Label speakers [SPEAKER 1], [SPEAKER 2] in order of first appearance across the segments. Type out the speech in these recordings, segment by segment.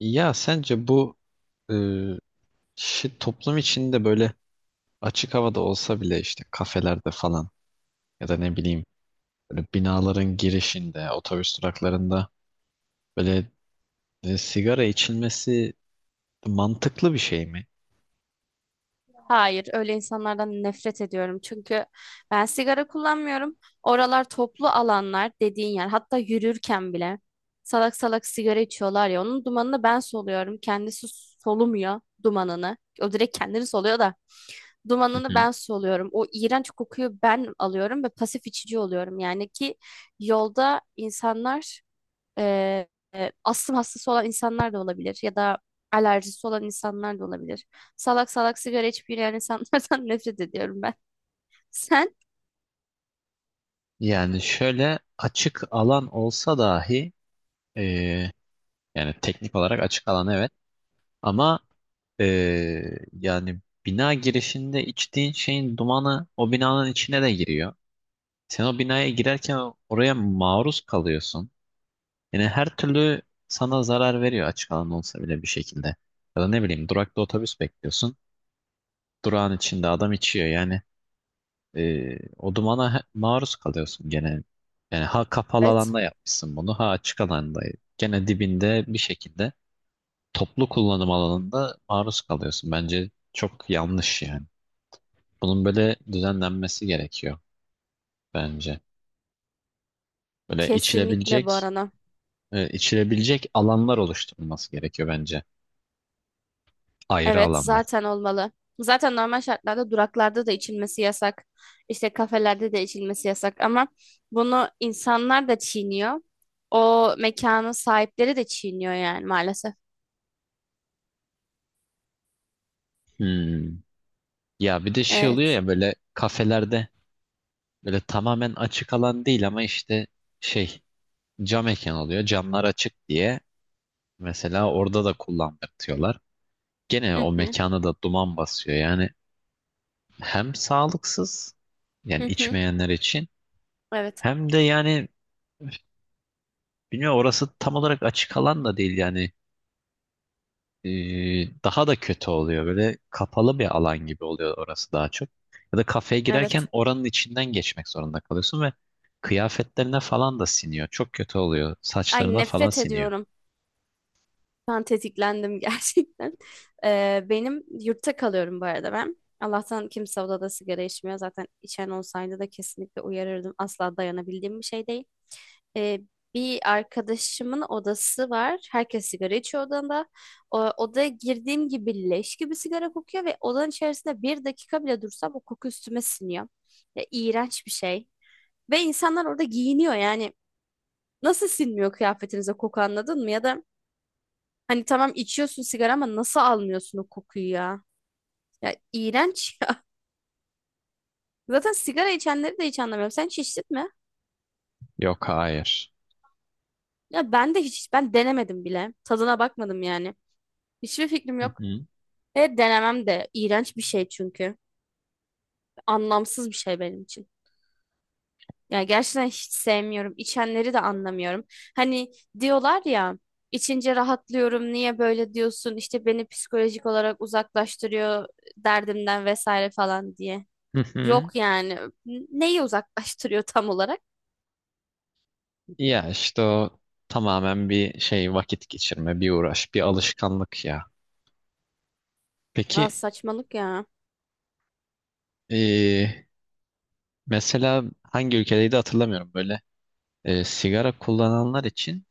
[SPEAKER 1] Ya sence bu e, toplum içinde böyle açık havada olsa bile işte kafelerde falan ya da ne bileyim böyle binaların girişinde, otobüs duraklarında böyle sigara içilmesi mantıklı bir şey mi?
[SPEAKER 2] Hayır, öyle insanlardan nefret ediyorum. Çünkü ben sigara kullanmıyorum. Oralar toplu alanlar dediğin yer. Hatta yürürken bile salak salak sigara içiyorlar ya. Onun dumanını ben soluyorum. Kendisi solumuyor dumanını. O direkt kendini soluyor da
[SPEAKER 1] Hı
[SPEAKER 2] dumanını
[SPEAKER 1] hı.
[SPEAKER 2] ben soluyorum. O iğrenç kokuyu ben alıyorum ve pasif içici oluyorum. Yani ki yolda insanlar ee, astım hastası olan insanlar da olabilir ya da alerjisi olan insanlar da olabilir. Salak salak sigara içip yürüyen insanlardan nefret ediyorum ben. Sen?
[SPEAKER 1] Yani şöyle açık alan olsa dahi, e, yani teknik olarak açık alan evet ama e, yani bina girişinde içtiğin şeyin dumanı o binanın içine de giriyor. Sen o binaya girerken oraya maruz kalıyorsun. Yani her türlü sana zarar veriyor açık alan olsa bile bir şekilde. Ya da ne bileyim durakta otobüs bekliyorsun. Durağın içinde adam içiyor yani. O dumana maruz kalıyorsun gene. Yani ha kapalı
[SPEAKER 2] Evet.
[SPEAKER 1] alanda yapmışsın bunu ha açık alanda. Gene dibinde bir şekilde toplu kullanım alanında maruz kalıyorsun. Bence çok yanlış yani. Bunun böyle düzenlenmesi gerekiyor bence. Böyle
[SPEAKER 2] Kesinlikle bu arana.
[SPEAKER 1] içilebilecek alanlar oluşturulması gerekiyor bence. Ayrı
[SPEAKER 2] Evet,
[SPEAKER 1] alanlar.
[SPEAKER 2] zaten olmalı. Zaten normal şartlarda duraklarda da içilmesi yasak. İşte kafelerde de içilmesi yasak ama bunu insanlar da çiğniyor. O mekanın sahipleri de çiğniyor yani maalesef.
[SPEAKER 1] Hmm. Ya bir de şey oluyor
[SPEAKER 2] Evet.
[SPEAKER 1] ya böyle kafelerde, böyle tamamen açık alan değil ama işte şey cam mekan oluyor. Camlar açık diye mesela orada da kullandırtıyorlar. Gene
[SPEAKER 2] Hı
[SPEAKER 1] o
[SPEAKER 2] hı.
[SPEAKER 1] mekana da duman basıyor. Yani hem sağlıksız yani
[SPEAKER 2] Hı hı.
[SPEAKER 1] içmeyenler için,
[SPEAKER 2] Evet.
[SPEAKER 1] hem de yani bilmiyorum orası tam olarak açık alan da değil yani daha da kötü oluyor. Böyle kapalı bir alan gibi oluyor orası daha çok. Ya da kafeye girerken
[SPEAKER 2] Evet.
[SPEAKER 1] oranın içinden geçmek zorunda kalıyorsun ve kıyafetlerine falan da siniyor. Çok kötü oluyor.
[SPEAKER 2] Ay,
[SPEAKER 1] Saçlarına falan
[SPEAKER 2] nefret
[SPEAKER 1] siniyor.
[SPEAKER 2] ediyorum. Ben tetiklendim gerçekten. Benim yurtta kalıyorum bu arada ben. Allah'tan kimse odada sigara içmiyor. Zaten içen olsaydı da kesinlikle uyarırdım. Asla dayanabildiğim bir şey değil. Ee, Bir arkadaşımın odası var. Herkes sigara içiyor odanda. O, odaya girdiğim gibi leş gibi sigara kokuyor ve odanın içerisinde bir dakika bile dursam o koku üstüme siniyor. Ya, iğrenç bir şey. Ve insanlar orada giyiniyor yani. Nasıl sinmiyor kıyafetinize koku, anladın mı? Ya da hani tamam içiyorsun sigara ama nasıl almıyorsun o kokuyu ya? Ya iğrenç ya. Zaten sigara içenleri de hiç anlamıyorum. Sen hiç içtin mi?
[SPEAKER 1] Yok, hayır.
[SPEAKER 2] Ya ben de hiç, ben denemedim bile. Tadına bakmadım yani. Hiçbir fikrim
[SPEAKER 1] Hı
[SPEAKER 2] yok.
[SPEAKER 1] hı.
[SPEAKER 2] Ve denemem de. İğrenç bir şey çünkü. Anlamsız bir şey benim için. Ya gerçekten hiç sevmiyorum. İçenleri de anlamıyorum. Hani diyorlar ya, içince rahatlıyorum. Niye böyle diyorsun? İşte beni psikolojik olarak uzaklaştırıyor derdimden vesaire falan diye.
[SPEAKER 1] Hı
[SPEAKER 2] Yok
[SPEAKER 1] hı.
[SPEAKER 2] yani. Neyi uzaklaştırıyor tam olarak?
[SPEAKER 1] Ya işte o tamamen bir şey, vakit geçirme, bir uğraş, bir alışkanlık ya. Peki,
[SPEAKER 2] Aa, saçmalık ya.
[SPEAKER 1] e, mesela hangi ülkedeydi hatırlamıyorum böyle sigara kullananlar için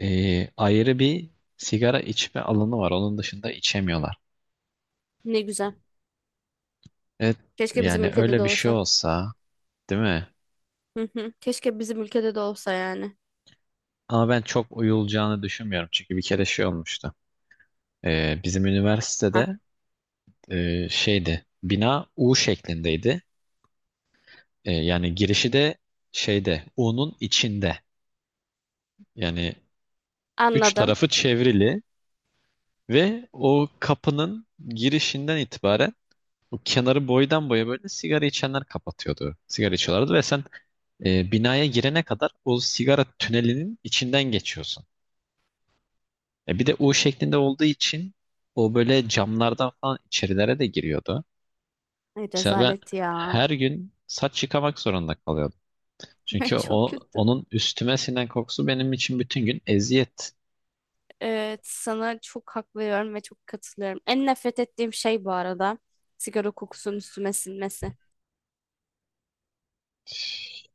[SPEAKER 1] ayrı bir sigara içme alanı var. Onun dışında içemiyorlar.
[SPEAKER 2] Ne güzel.
[SPEAKER 1] Evet,
[SPEAKER 2] Keşke bizim
[SPEAKER 1] yani
[SPEAKER 2] ülkede
[SPEAKER 1] öyle
[SPEAKER 2] de
[SPEAKER 1] bir şey
[SPEAKER 2] olsa.
[SPEAKER 1] olsa, değil mi?
[SPEAKER 2] Hı hı. Keşke bizim ülkede de olsa yani.
[SPEAKER 1] Ama ben çok uyulacağını düşünmüyorum. Çünkü bir kere şey olmuştu. Bizim
[SPEAKER 2] Hah,
[SPEAKER 1] üniversitede şeydi, bina U şeklindeydi. Yani girişi de şeyde, U'nun içinde. Yani üç
[SPEAKER 2] anladım.
[SPEAKER 1] tarafı çevrili ve o kapının girişinden itibaren o kenarı boydan boya böyle sigara içenler kapatıyordu. Sigara içiyorlardı ve sen binaya girene kadar o sigara tünelinin içinden geçiyorsun. Bir de U şeklinde olduğu için o böyle camlardan falan içerilere de giriyordu.
[SPEAKER 2] Ay,
[SPEAKER 1] Mesela ben
[SPEAKER 2] rezalet ya.
[SPEAKER 1] her gün saç yıkamak zorunda kalıyordum. Çünkü
[SPEAKER 2] Çok
[SPEAKER 1] o
[SPEAKER 2] kötü.
[SPEAKER 1] onun üstüme sinen kokusu benim için bütün gün eziyet.
[SPEAKER 2] Evet, sana çok hak veriyorum ve çok katılıyorum. En nefret ettiğim şey bu arada sigara kokusunun üstüme sinmesi.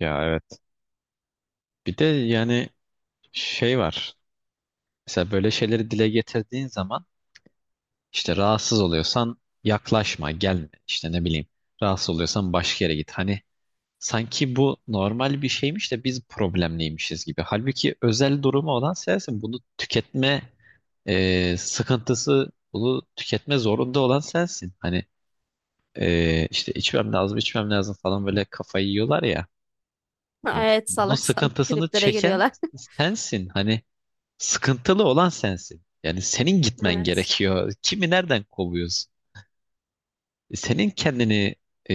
[SPEAKER 1] Ya evet. Bir de yani şey var. Mesela böyle şeyleri dile getirdiğin zaman işte rahatsız oluyorsan yaklaşma, gelme. İşte ne bileyim. Rahatsız oluyorsan başka yere git. Hani sanki bu normal bir şeymiş de biz problemliymişiz gibi. Halbuki özel durumu olan sensin. Bunu tüketme sıkıntısı, bunu tüketme zorunda olan sensin. Hani işte içmem lazım, içmem lazım falan böyle kafayı yiyorlar ya. Hani
[SPEAKER 2] Evet,
[SPEAKER 1] bunun
[SPEAKER 2] salak salak
[SPEAKER 1] sıkıntısını
[SPEAKER 2] triplere
[SPEAKER 1] çeken
[SPEAKER 2] geliyorlar.
[SPEAKER 1] sensin. Hani sıkıntılı olan sensin. Yani senin gitmen
[SPEAKER 2] Evet.
[SPEAKER 1] gerekiyor. Kimi nereden kovuyorsun? Senin kendini e,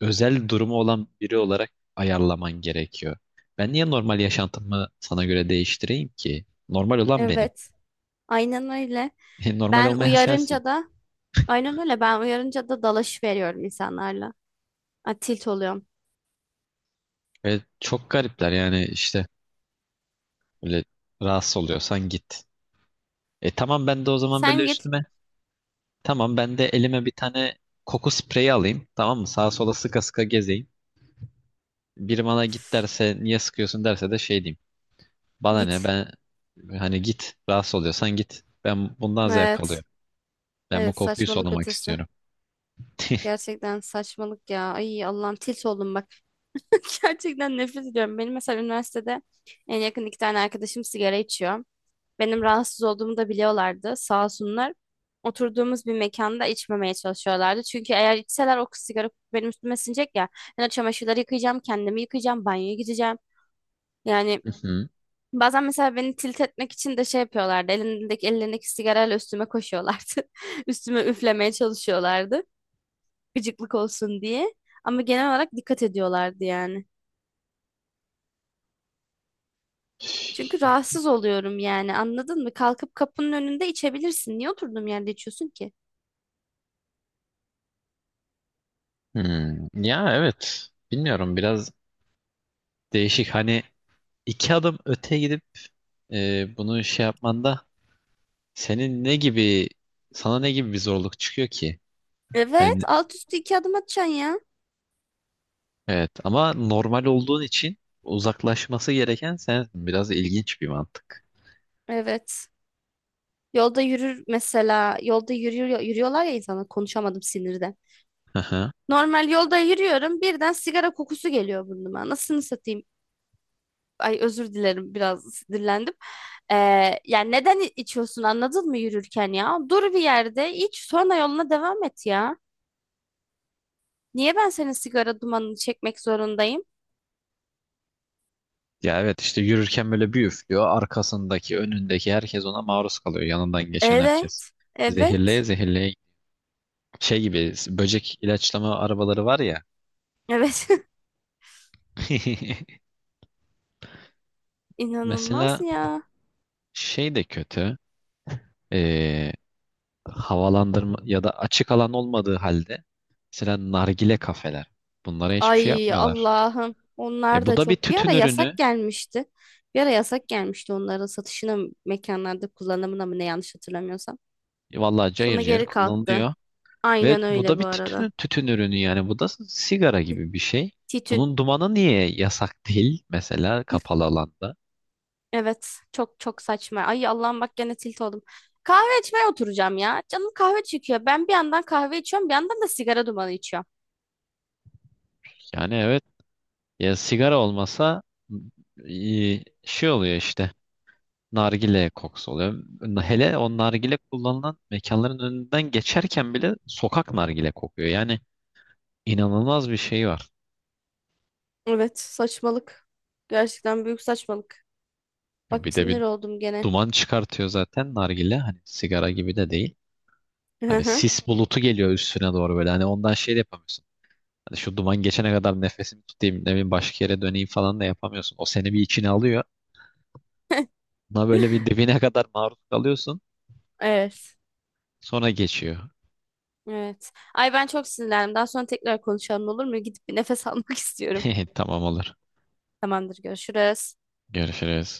[SPEAKER 1] özel durumu olan biri olarak ayarlaman gerekiyor. Ben niye normal yaşantımı sana göre değiştireyim ki? Normal olan benim.
[SPEAKER 2] Evet. Aynen öyle.
[SPEAKER 1] Normal
[SPEAKER 2] Ben
[SPEAKER 1] olmayan sensin.
[SPEAKER 2] uyarınca da aynen öyle. Ben uyarınca da dalaş veriyorum insanlarla. Ay, tilt oluyorum.
[SPEAKER 1] Ve çok garipler yani, işte böyle, rahatsız oluyorsan git. Tamam ben de o zaman böyle
[SPEAKER 2] Sen git.
[SPEAKER 1] üstüme. Tamam ben de elime bir tane koku spreyi alayım. Tamam mı? Sağa sola sıka sıka gezeyim. Biri bana git derse, niye sıkıyorsun derse de şey diyeyim. Bana ne,
[SPEAKER 2] Git.
[SPEAKER 1] ben hani git, rahatsız oluyorsan git. Ben bundan zevk
[SPEAKER 2] Evet.
[SPEAKER 1] alıyorum. Ben bu
[SPEAKER 2] Evet,
[SPEAKER 1] kokuyu
[SPEAKER 2] saçmalık
[SPEAKER 1] solumak
[SPEAKER 2] ötesi.
[SPEAKER 1] istiyorum.
[SPEAKER 2] Gerçekten saçmalık ya. Ay Allah'ım, tilt oldum bak. Gerçekten nefret ediyorum. Benim mesela üniversitede en yakın iki tane arkadaşım sigara içiyor. Benim rahatsız olduğumu da biliyorlardı. Sağ olsunlar. Oturduğumuz bir mekanda içmemeye çalışıyorlardı. Çünkü eğer içseler o sigara benim üstüme sinecek ya. Ben o çamaşırları yıkayacağım, kendimi yıkayacağım, banyoya gideceğim. Yani
[SPEAKER 1] Hı hı.
[SPEAKER 2] bazen mesela beni tilt etmek için de şey yapıyorlardı. Ellerindeki sigarayla üstüme koşuyorlardı. Üstüme üflemeye çalışıyorlardı. Gıcıklık olsun diye. Ama genel olarak dikkat ediyorlardı yani. Çünkü rahatsız oluyorum yani, anladın mı? Kalkıp kapının önünde içebilirsin. Niye oturduğum yerde içiyorsun ki?
[SPEAKER 1] Hmm. Ya evet. Bilmiyorum, biraz değişik. Hani iki adım öte gidip bunu şey yapmanda senin ne gibi sana ne gibi bir zorluk çıkıyor ki?
[SPEAKER 2] Evet,
[SPEAKER 1] Hani
[SPEAKER 2] alt üstü iki adım atacaksın ya.
[SPEAKER 1] evet ama normal olduğun için uzaklaşması gereken sensin. Biraz ilginç bir mantık.
[SPEAKER 2] Evet. Yolda yürür mesela. Yolda yürüyor, yürüyorlar ya insanlar. Konuşamadım sinirden.
[SPEAKER 1] Hı hı.
[SPEAKER 2] Normal yolda yürüyorum. Birden sigara kokusu geliyor burnuma. Nasılını satayım? Ay özür dilerim, biraz sinirlendim. Ee, Yani neden içiyorsun anladın mı yürürken ya? Dur bir yerde iç, sonra yoluna devam et ya. Niye ben senin sigara dumanını çekmek zorundayım?
[SPEAKER 1] Ya evet, işte yürürken böyle bir üflüyor. Arkasındaki, önündeki herkes ona maruz kalıyor. Yanından geçen herkes.
[SPEAKER 2] Evet,
[SPEAKER 1] Zehirleye
[SPEAKER 2] evet,
[SPEAKER 1] zehirleye, şey gibi, böcek ilaçlama arabaları var ya.
[SPEAKER 2] evet.
[SPEAKER 1] Mesela
[SPEAKER 2] İnanılmaz ya.
[SPEAKER 1] şey de kötü. Ee, Havalandırma ya da açık alan olmadığı halde mesela nargile kafeler. Bunlara hiçbir şey
[SPEAKER 2] Ay
[SPEAKER 1] yapmıyorlar.
[SPEAKER 2] Allah'ım. Onlar
[SPEAKER 1] Bu
[SPEAKER 2] da
[SPEAKER 1] da bir
[SPEAKER 2] çok, bir
[SPEAKER 1] tütün
[SPEAKER 2] ara yasak
[SPEAKER 1] ürünü.
[SPEAKER 2] gelmişti. Bir ara yasak gelmişti onların satışına mı, mekanlarda kullanımına mı ne yanlış hatırlamıyorsam.
[SPEAKER 1] Vallahi cayır
[SPEAKER 2] Sonra
[SPEAKER 1] cayır
[SPEAKER 2] geri kalktı.
[SPEAKER 1] kullanılıyor. Ve
[SPEAKER 2] Aynen
[SPEAKER 1] bu
[SPEAKER 2] öyle
[SPEAKER 1] da bir
[SPEAKER 2] bu arada.
[SPEAKER 1] tütün ürünü yani. Bu da sigara gibi bir şey.
[SPEAKER 2] Titün.
[SPEAKER 1] Bunun dumanı niye yasak değil mesela kapalı alanda?
[SPEAKER 2] Evet, çok çok saçma. Ay Allah'ım bak, gene tilt oldum. Kahve içmeye oturacağım ya. Canım kahve çekiyor. Ben bir yandan kahve içiyorum, bir yandan da sigara dumanı içiyorum.
[SPEAKER 1] Yani evet, ya sigara olmasa şey oluyor işte. Nargile kokusu oluyor. Hele o nargile kullanılan mekanların önünden geçerken bile sokak nargile kokuyor. Yani inanılmaz bir şey var.
[SPEAKER 2] Evet, saçmalık. Gerçekten büyük saçmalık. Bak
[SPEAKER 1] Ya, bir de bir
[SPEAKER 2] sinir oldum gene.
[SPEAKER 1] duman çıkartıyor zaten nargile. Hani sigara gibi de değil. Hani sis bulutu geliyor üstüne doğru böyle. Hani ondan şey de yapamıyorsun. Hani şu duman geçene kadar nefesimi tutayım, ne bileyim başka yere döneyim falan da yapamıyorsun. O seni bir içine alıyor. Buna böyle bir dibine kadar maruz kalıyorsun.
[SPEAKER 2] Evet.
[SPEAKER 1] Sonra geçiyor.
[SPEAKER 2] Evet. Ay ben çok sinirlendim. Daha sonra tekrar konuşalım, olur mu? Gidip bir nefes almak istiyorum.
[SPEAKER 1] Tamam, olur.
[SPEAKER 2] Tamamdır, görüşürüz.
[SPEAKER 1] Görüşürüz.